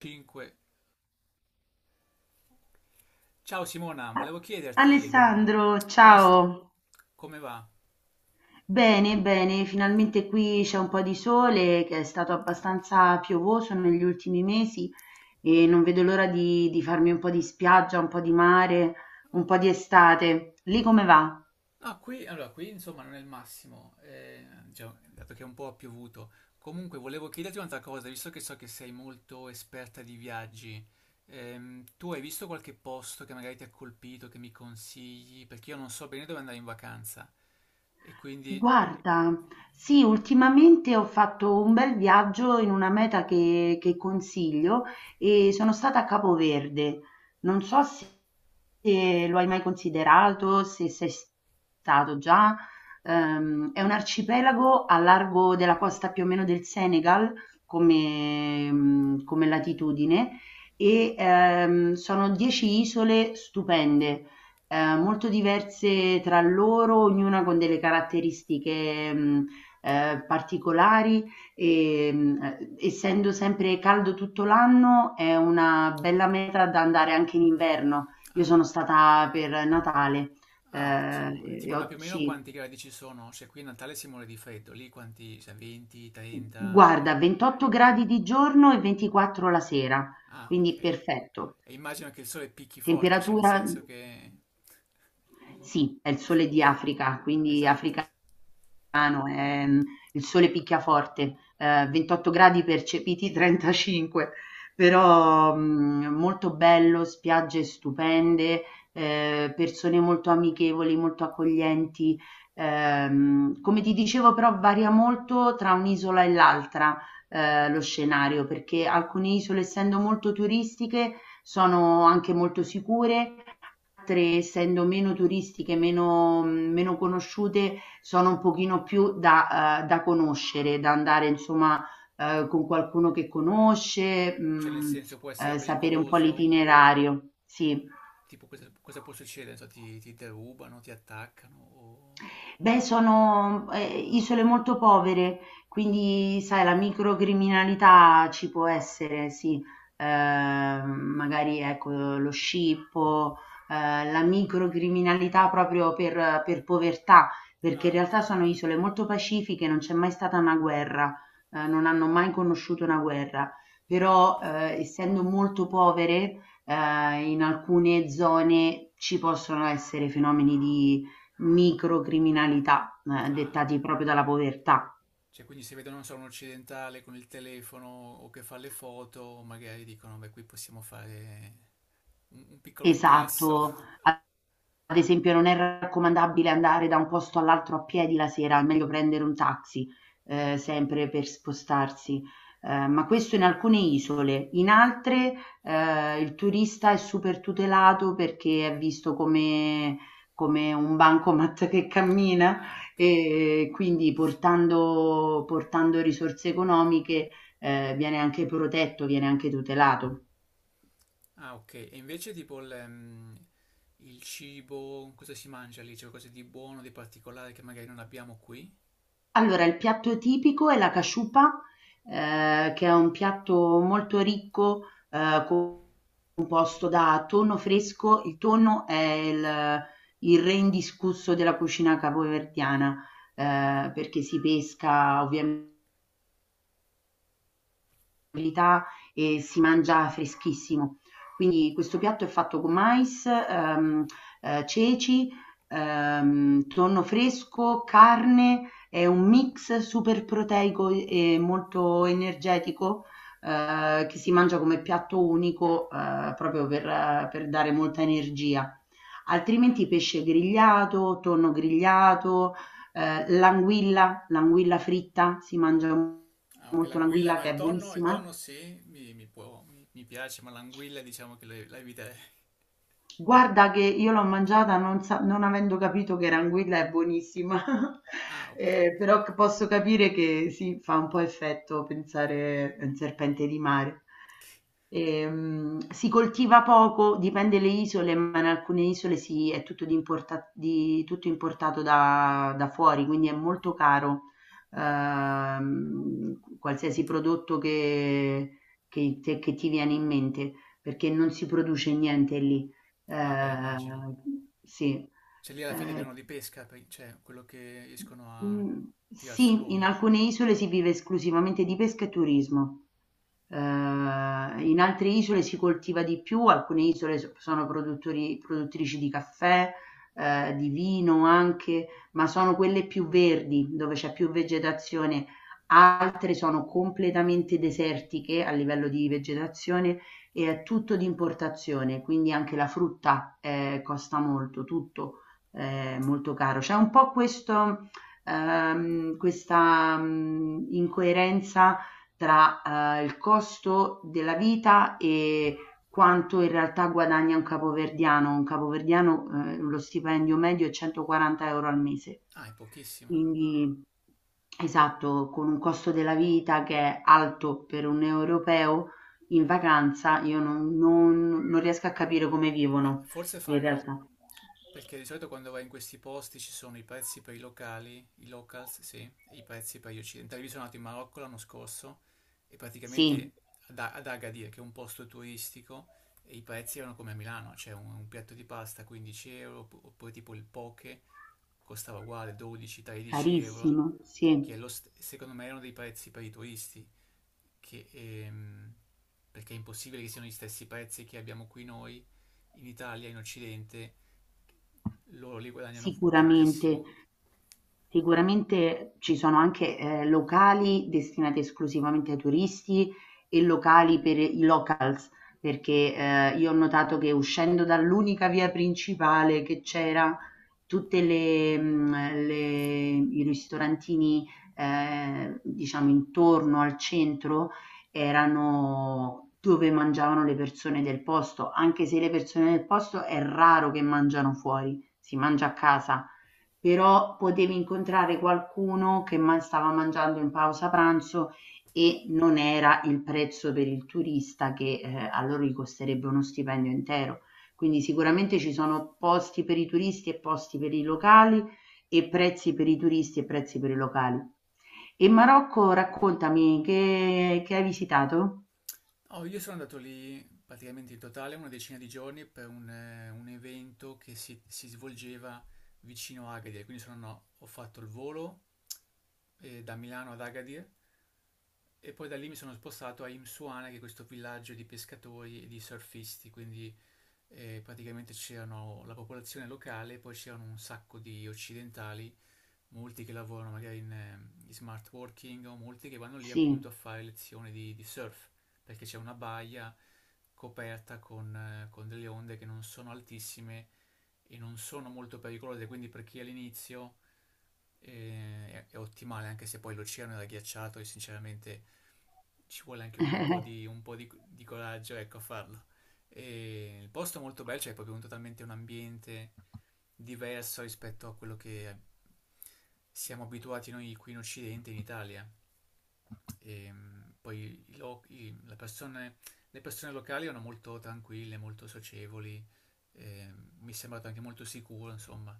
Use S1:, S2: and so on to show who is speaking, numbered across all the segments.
S1: 5. Ciao Simona, volevo chiederti
S2: Alessandro,
S1: come, s-
S2: ciao.
S1: come va?
S2: Bene, bene, finalmente qui c'è un po' di sole che è stato
S1: Ok.
S2: abbastanza piovoso negli ultimi mesi e non vedo l'ora di farmi un po' di spiaggia, un po' di mare, un po' di estate. Lì come va?
S1: Ah, qui, allora, qui insomma non è il massimo, già, dato che è un po' piovuto. Comunque volevo chiederti un'altra cosa, visto che so che sei molto esperta di viaggi, tu hai visto qualche posto che magari ti ha colpito, che mi consigli? Perché io non so bene dove andare in vacanza e quindi
S2: Guarda, sì, ultimamente ho fatto un bel viaggio in una meta che consiglio e sono stata a Capoverde. Non so se se lo hai mai considerato, se sei stato già. È un arcipelago a largo della costa più o meno del Senegal come, come latitudine e sono 10 isole stupende, molto diverse tra loro, ognuna con delle caratteristiche, particolari, essendo sempre caldo tutto l'anno è una bella meta da andare anche in inverno. Io
S1: ah,
S2: sono stata per Natale,
S1: ah,
S2: ehm,
S1: ottimo. E tipo,
S2: e
S1: ma
S2: ho
S1: più o meno
S2: sì,
S1: quanti gradi ci sono? Se qui a Natale si muore di freddo, lì quanti? Cioè, 20, 30?
S2: guarda, 28 gradi di giorno e 24 la sera,
S1: Ah, ok.
S2: quindi perfetto.
S1: E immagino che il sole picchi forte, cioè nel
S2: Temperatura
S1: senso che
S2: sì, è il sole di Africa, quindi
S1: Esatto.
S2: Africa Milano, è, il sole picchia forte, 28 gradi percepiti, 35, però molto bello, spiagge stupende, persone molto amichevoli, molto accoglienti. Come ti dicevo, però varia molto tra un'isola e l'altra lo scenario, perché alcune isole, essendo molto turistiche, sono anche molto sicure, altre, essendo meno turistiche, meno conosciute, sono un pochino più da conoscere, da andare insomma con qualcuno che conosce.
S1: Cioè nel
S2: Mh,
S1: senso può essere
S2: sapere un po'
S1: pericoloso.
S2: l'itinerario. Sì.
S1: Tipo, cosa può succedere? Non so, ti derubano, ti attaccano o.
S2: Beh, sono, isole molto povere, quindi sai la microcriminalità ci può essere, sì. Ehm, magari ecco lo scippo, la microcriminalità proprio per povertà, perché in
S1: Ah, ok,
S2: realtà
S1: ok.
S2: sono isole molto pacifiche, non c'è mai stata una guerra, non hanno mai conosciuto una guerra, però, essendo molto povere, in alcune zone ci possono essere fenomeni di microcriminalità,
S1: Ah,
S2: dettati proprio dalla povertà.
S1: cioè quindi se vedono, non so, un occidentale con il telefono o che fa le foto, magari dicono, beh, qui possiamo fare un piccolo
S2: Esatto.
S1: incasso.
S2: Ad esempio non è raccomandabile andare da un posto all'altro a piedi la sera, è meglio prendere un taxi, sempre per spostarsi, ma questo in alcune isole. In altre, il turista è super tutelato perché è visto come come un bancomat che cammina
S1: Ah, ok.
S2: e quindi portando risorse economiche, viene anche protetto, viene anche tutelato.
S1: Ah, ok. E invece tipo il cibo, cosa si mangia lì? C'è qualcosa di buono, di particolare che magari non abbiamo qui?
S2: Allora, il piatto tipico è la casciupa, che è un piatto molto ricco, ehm, composto da tonno fresco. Il tonno è il re indiscusso della cucina capoverdiana, perché si pesca ovviamente abilità e si mangia freschissimo. Quindi questo piatto è fatto con mais, ceci, tonno fresco, carne, è un mix super proteico e molto energetico, che si mangia come piatto unico, proprio per dare molta energia. Altrimenti pesce grigliato, tonno grigliato, l'anguilla, l'anguilla fritta, si mangia
S1: Ah, ok,
S2: molto
S1: l'anguilla,
S2: l'anguilla
S1: no,
S2: che è
S1: il
S2: buonissima.
S1: tonno sì, mi può, mi piace, ma l'anguilla diciamo che la eviterei.
S2: Guarda che io l'ho mangiata non avendo capito che Ranguilla è buonissima,
S1: Ah, ok.
S2: però c posso capire che sì, fa un po' effetto pensare a un serpente di mare.
S1: Ok.
S2: Si coltiva poco, dipende le isole, ma in alcune isole si è tutto di importa di tutto importato da fuori, quindi è molto caro, qualsiasi prodotto che ti viene in mente, perché non si produce niente lì.
S1: Ah, beh, immagino.
S2: Ehm, sì,
S1: Cioè lì alla fine
S2: ehm,
S1: abbiamo di pesca, cioè quello che riescono a
S2: mhmm,
S1: tirar su
S2: sì, in
S1: loro.
S2: alcune isole si vive esclusivamente di pesca e turismo. In altre isole si coltiva di più, alcune isole sono produttori, produttrici di caffè, di vino anche, ma sono quelle più verdi, dove c'è più vegetazione. Altre sono completamente desertiche a livello di vegetazione e è tutto di importazione, quindi anche la frutta costa molto, tutto molto caro. C'è un po' questo, questa incoerenza tra il costo della vita e quanto in realtà guadagna un capoverdiano. Un capoverdiano, lo stipendio medio è 140 euro al mese.
S1: Ah, è pochissimo.
S2: Quindi, esatto, con un costo della vita che è alto per un europeo in vacanza, io non riesco a capire come
S1: Ma
S2: vivono
S1: forse
S2: in
S1: fanno,
S2: realtà.
S1: perché di solito quando vai in questi posti ci sono i prezzi per i locali, i locals, sì, e i prezzi per gli occidentali. Io sono andato in Marocco l'anno scorso e
S2: Sì,
S1: praticamente ad Agadir, che è un posto turistico, e i prezzi erano come a Milano, c'è un piatto di pasta 15 euro, oppure tipo il poke costava uguale 12-13 euro,
S2: carissimo,
S1: che
S2: sì,
S1: è secondo me erano dei prezzi per i turisti, che, ehm, perché è impossibile che siano gli stessi prezzi che abbiamo qui noi in Italia, in Occidente loro lì guadagnano
S2: sicuramente.
S1: pochissimo.
S2: Sicuramente ci sono anche, locali destinati esclusivamente ai turisti e locali per i locals, perché, io ho notato che uscendo dall'unica via principale che c'era, tutte le le i ristorantini, diciamo intorno al centro erano dove mangiavano le persone del posto, anche se le persone del posto è raro che mangiano fuori, si mangia a casa però potevi incontrare qualcuno che stava mangiando in pausa pranzo e non era il prezzo per il turista che a loro gli costerebbe uno stipendio intero. Quindi sicuramente ci sono posti per i turisti e posti per i locali e prezzi per i turisti e prezzi per i locali. E Marocco, raccontami, che hai visitato?
S1: Oh, io sono andato lì praticamente in totale una decina di giorni per un evento che si svolgeva vicino a Agadir, quindi ho fatto il volo da Milano ad Agadir e poi da lì mi sono spostato a Imsuana, che è questo villaggio di pescatori e di surfisti, quindi praticamente c'erano la popolazione locale, poi c'erano un sacco di occidentali molti che lavorano magari in smart working o molti che vanno lì appunto
S2: Sì.
S1: a fare lezioni di surf perché c'è una baia coperta con delle onde che non sono altissime e non sono molto pericolose, quindi per chi è all'inizio è ottimale, anche se poi l'oceano era ghiacciato e sinceramente ci vuole anche un po' di coraggio, ecco, a farlo. E il posto è molto bello, cioè è proprio totalmente un ambiente diverso rispetto a quello che siamo abituati noi qui in Occidente, in Italia. E poi i lo- i- la persone- le persone locali erano molto tranquille, molto socievoli, eh, mi è sembrato anche molto sicuro, insomma.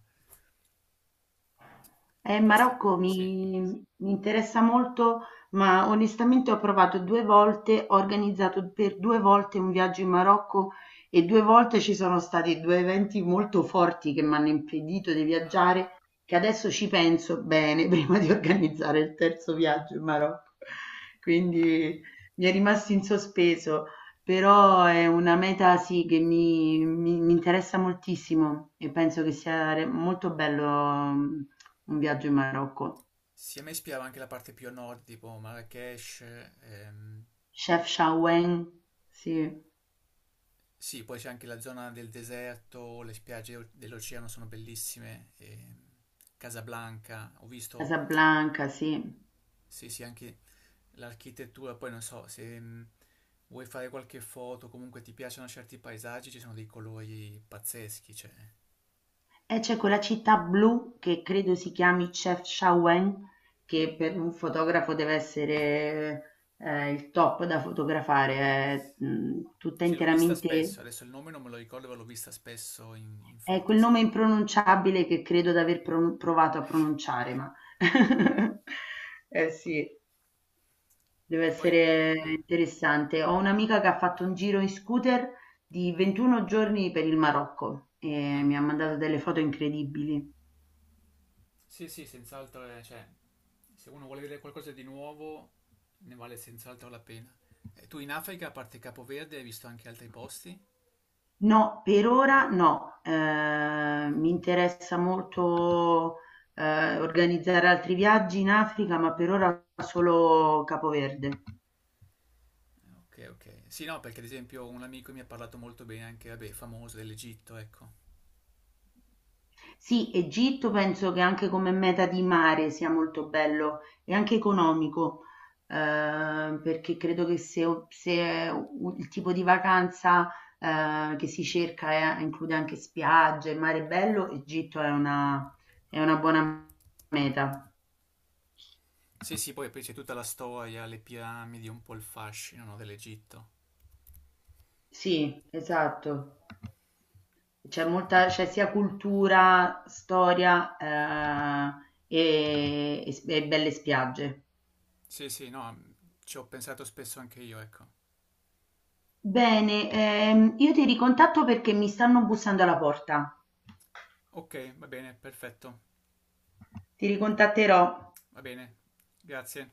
S1: Posti,
S2: Marocco
S1: sì.
S2: mi interessa molto, ma onestamente ho provato due volte, ho organizzato per due volte un viaggio in Marocco e due volte ci sono stati due eventi molto forti che mi hanno impedito di
S1: Ah,
S2: viaggiare, che adesso ci penso bene prima di organizzare il terzo viaggio in Marocco.
S1: ah,
S2: Quindi
S1: ok.
S2: mi è rimasto in sospeso, però è una meta sì che mi interessa moltissimo e penso che sia molto bello. Un viaggio in Marocco.
S1: Sì, a me ispirava anche la parte più a nord, tipo Marrakech, ehm,
S2: Chefchaouen, sì.
S1: sì, poi c'è anche la zona del deserto, le spiagge dell'oceano sono bellissime, Casablanca, ho visto.
S2: Casablanca, sì.
S1: Sì, sì, anche l'architettura, poi non so, se vuoi fare qualche foto, comunque ti piacciono certi paesaggi, ci sono dei colori pazzeschi, cioè.
S2: E c'è quella città blu che credo si chiami Chefchaouen, che per un fotografo deve essere il top da fotografare, è tutta
S1: Sì, l'ho vista spesso,
S2: interamente...
S1: adesso il nome non me lo ricordo, ma l'ho vista spesso in
S2: È
S1: foto,
S2: quel
S1: sì.
S2: nome impronunciabile che credo di aver provato a pronunciare, ma... Eh sì. Deve
S1: E poi,
S2: essere
S1: ah,
S2: interessante. Ho un'amica che ha fatto un giro in scooter di 21 giorni per il Marocco e
S1: ah,
S2: mi ha mandato delle foto incredibili.
S1: sì, sì, senz'altro, cioè, se uno vuole vedere qualcosa di nuovo, ne vale senz'altro la pena. E tu in Africa, a parte Capoverde, hai visto anche altri posti?
S2: No, per
S1: Ah,
S2: ora no. Mi interessa molto organizzare altri viaggi in Africa, ma per ora solo Capoverde.
S1: ok, ok. Sì, no, perché ad esempio un amico mi ha parlato molto bene anche, vabbè, famoso dell'Egitto, ecco.
S2: Sì, Egitto penso che anche come meta di mare sia molto bello e anche economico, perché credo che se u- il tipo di vacanza che si cerca include anche spiagge, mare bello, Egitto è una buona meta.
S1: Sì, sì, poi c'è tutta la storia, le piramidi, un po' il fascino, no, dell'Egitto.
S2: Sì, esatto. C'è molta, c'è sia cultura, storia e belle spiagge.
S1: Sì, sì, no, ci ho pensato spesso anche io, ecco.
S2: Bene, io ti ricontatto perché mi stanno bussando alla porta.
S1: Ok, va bene, perfetto,
S2: Ti ricontatterò.
S1: va bene, grazie.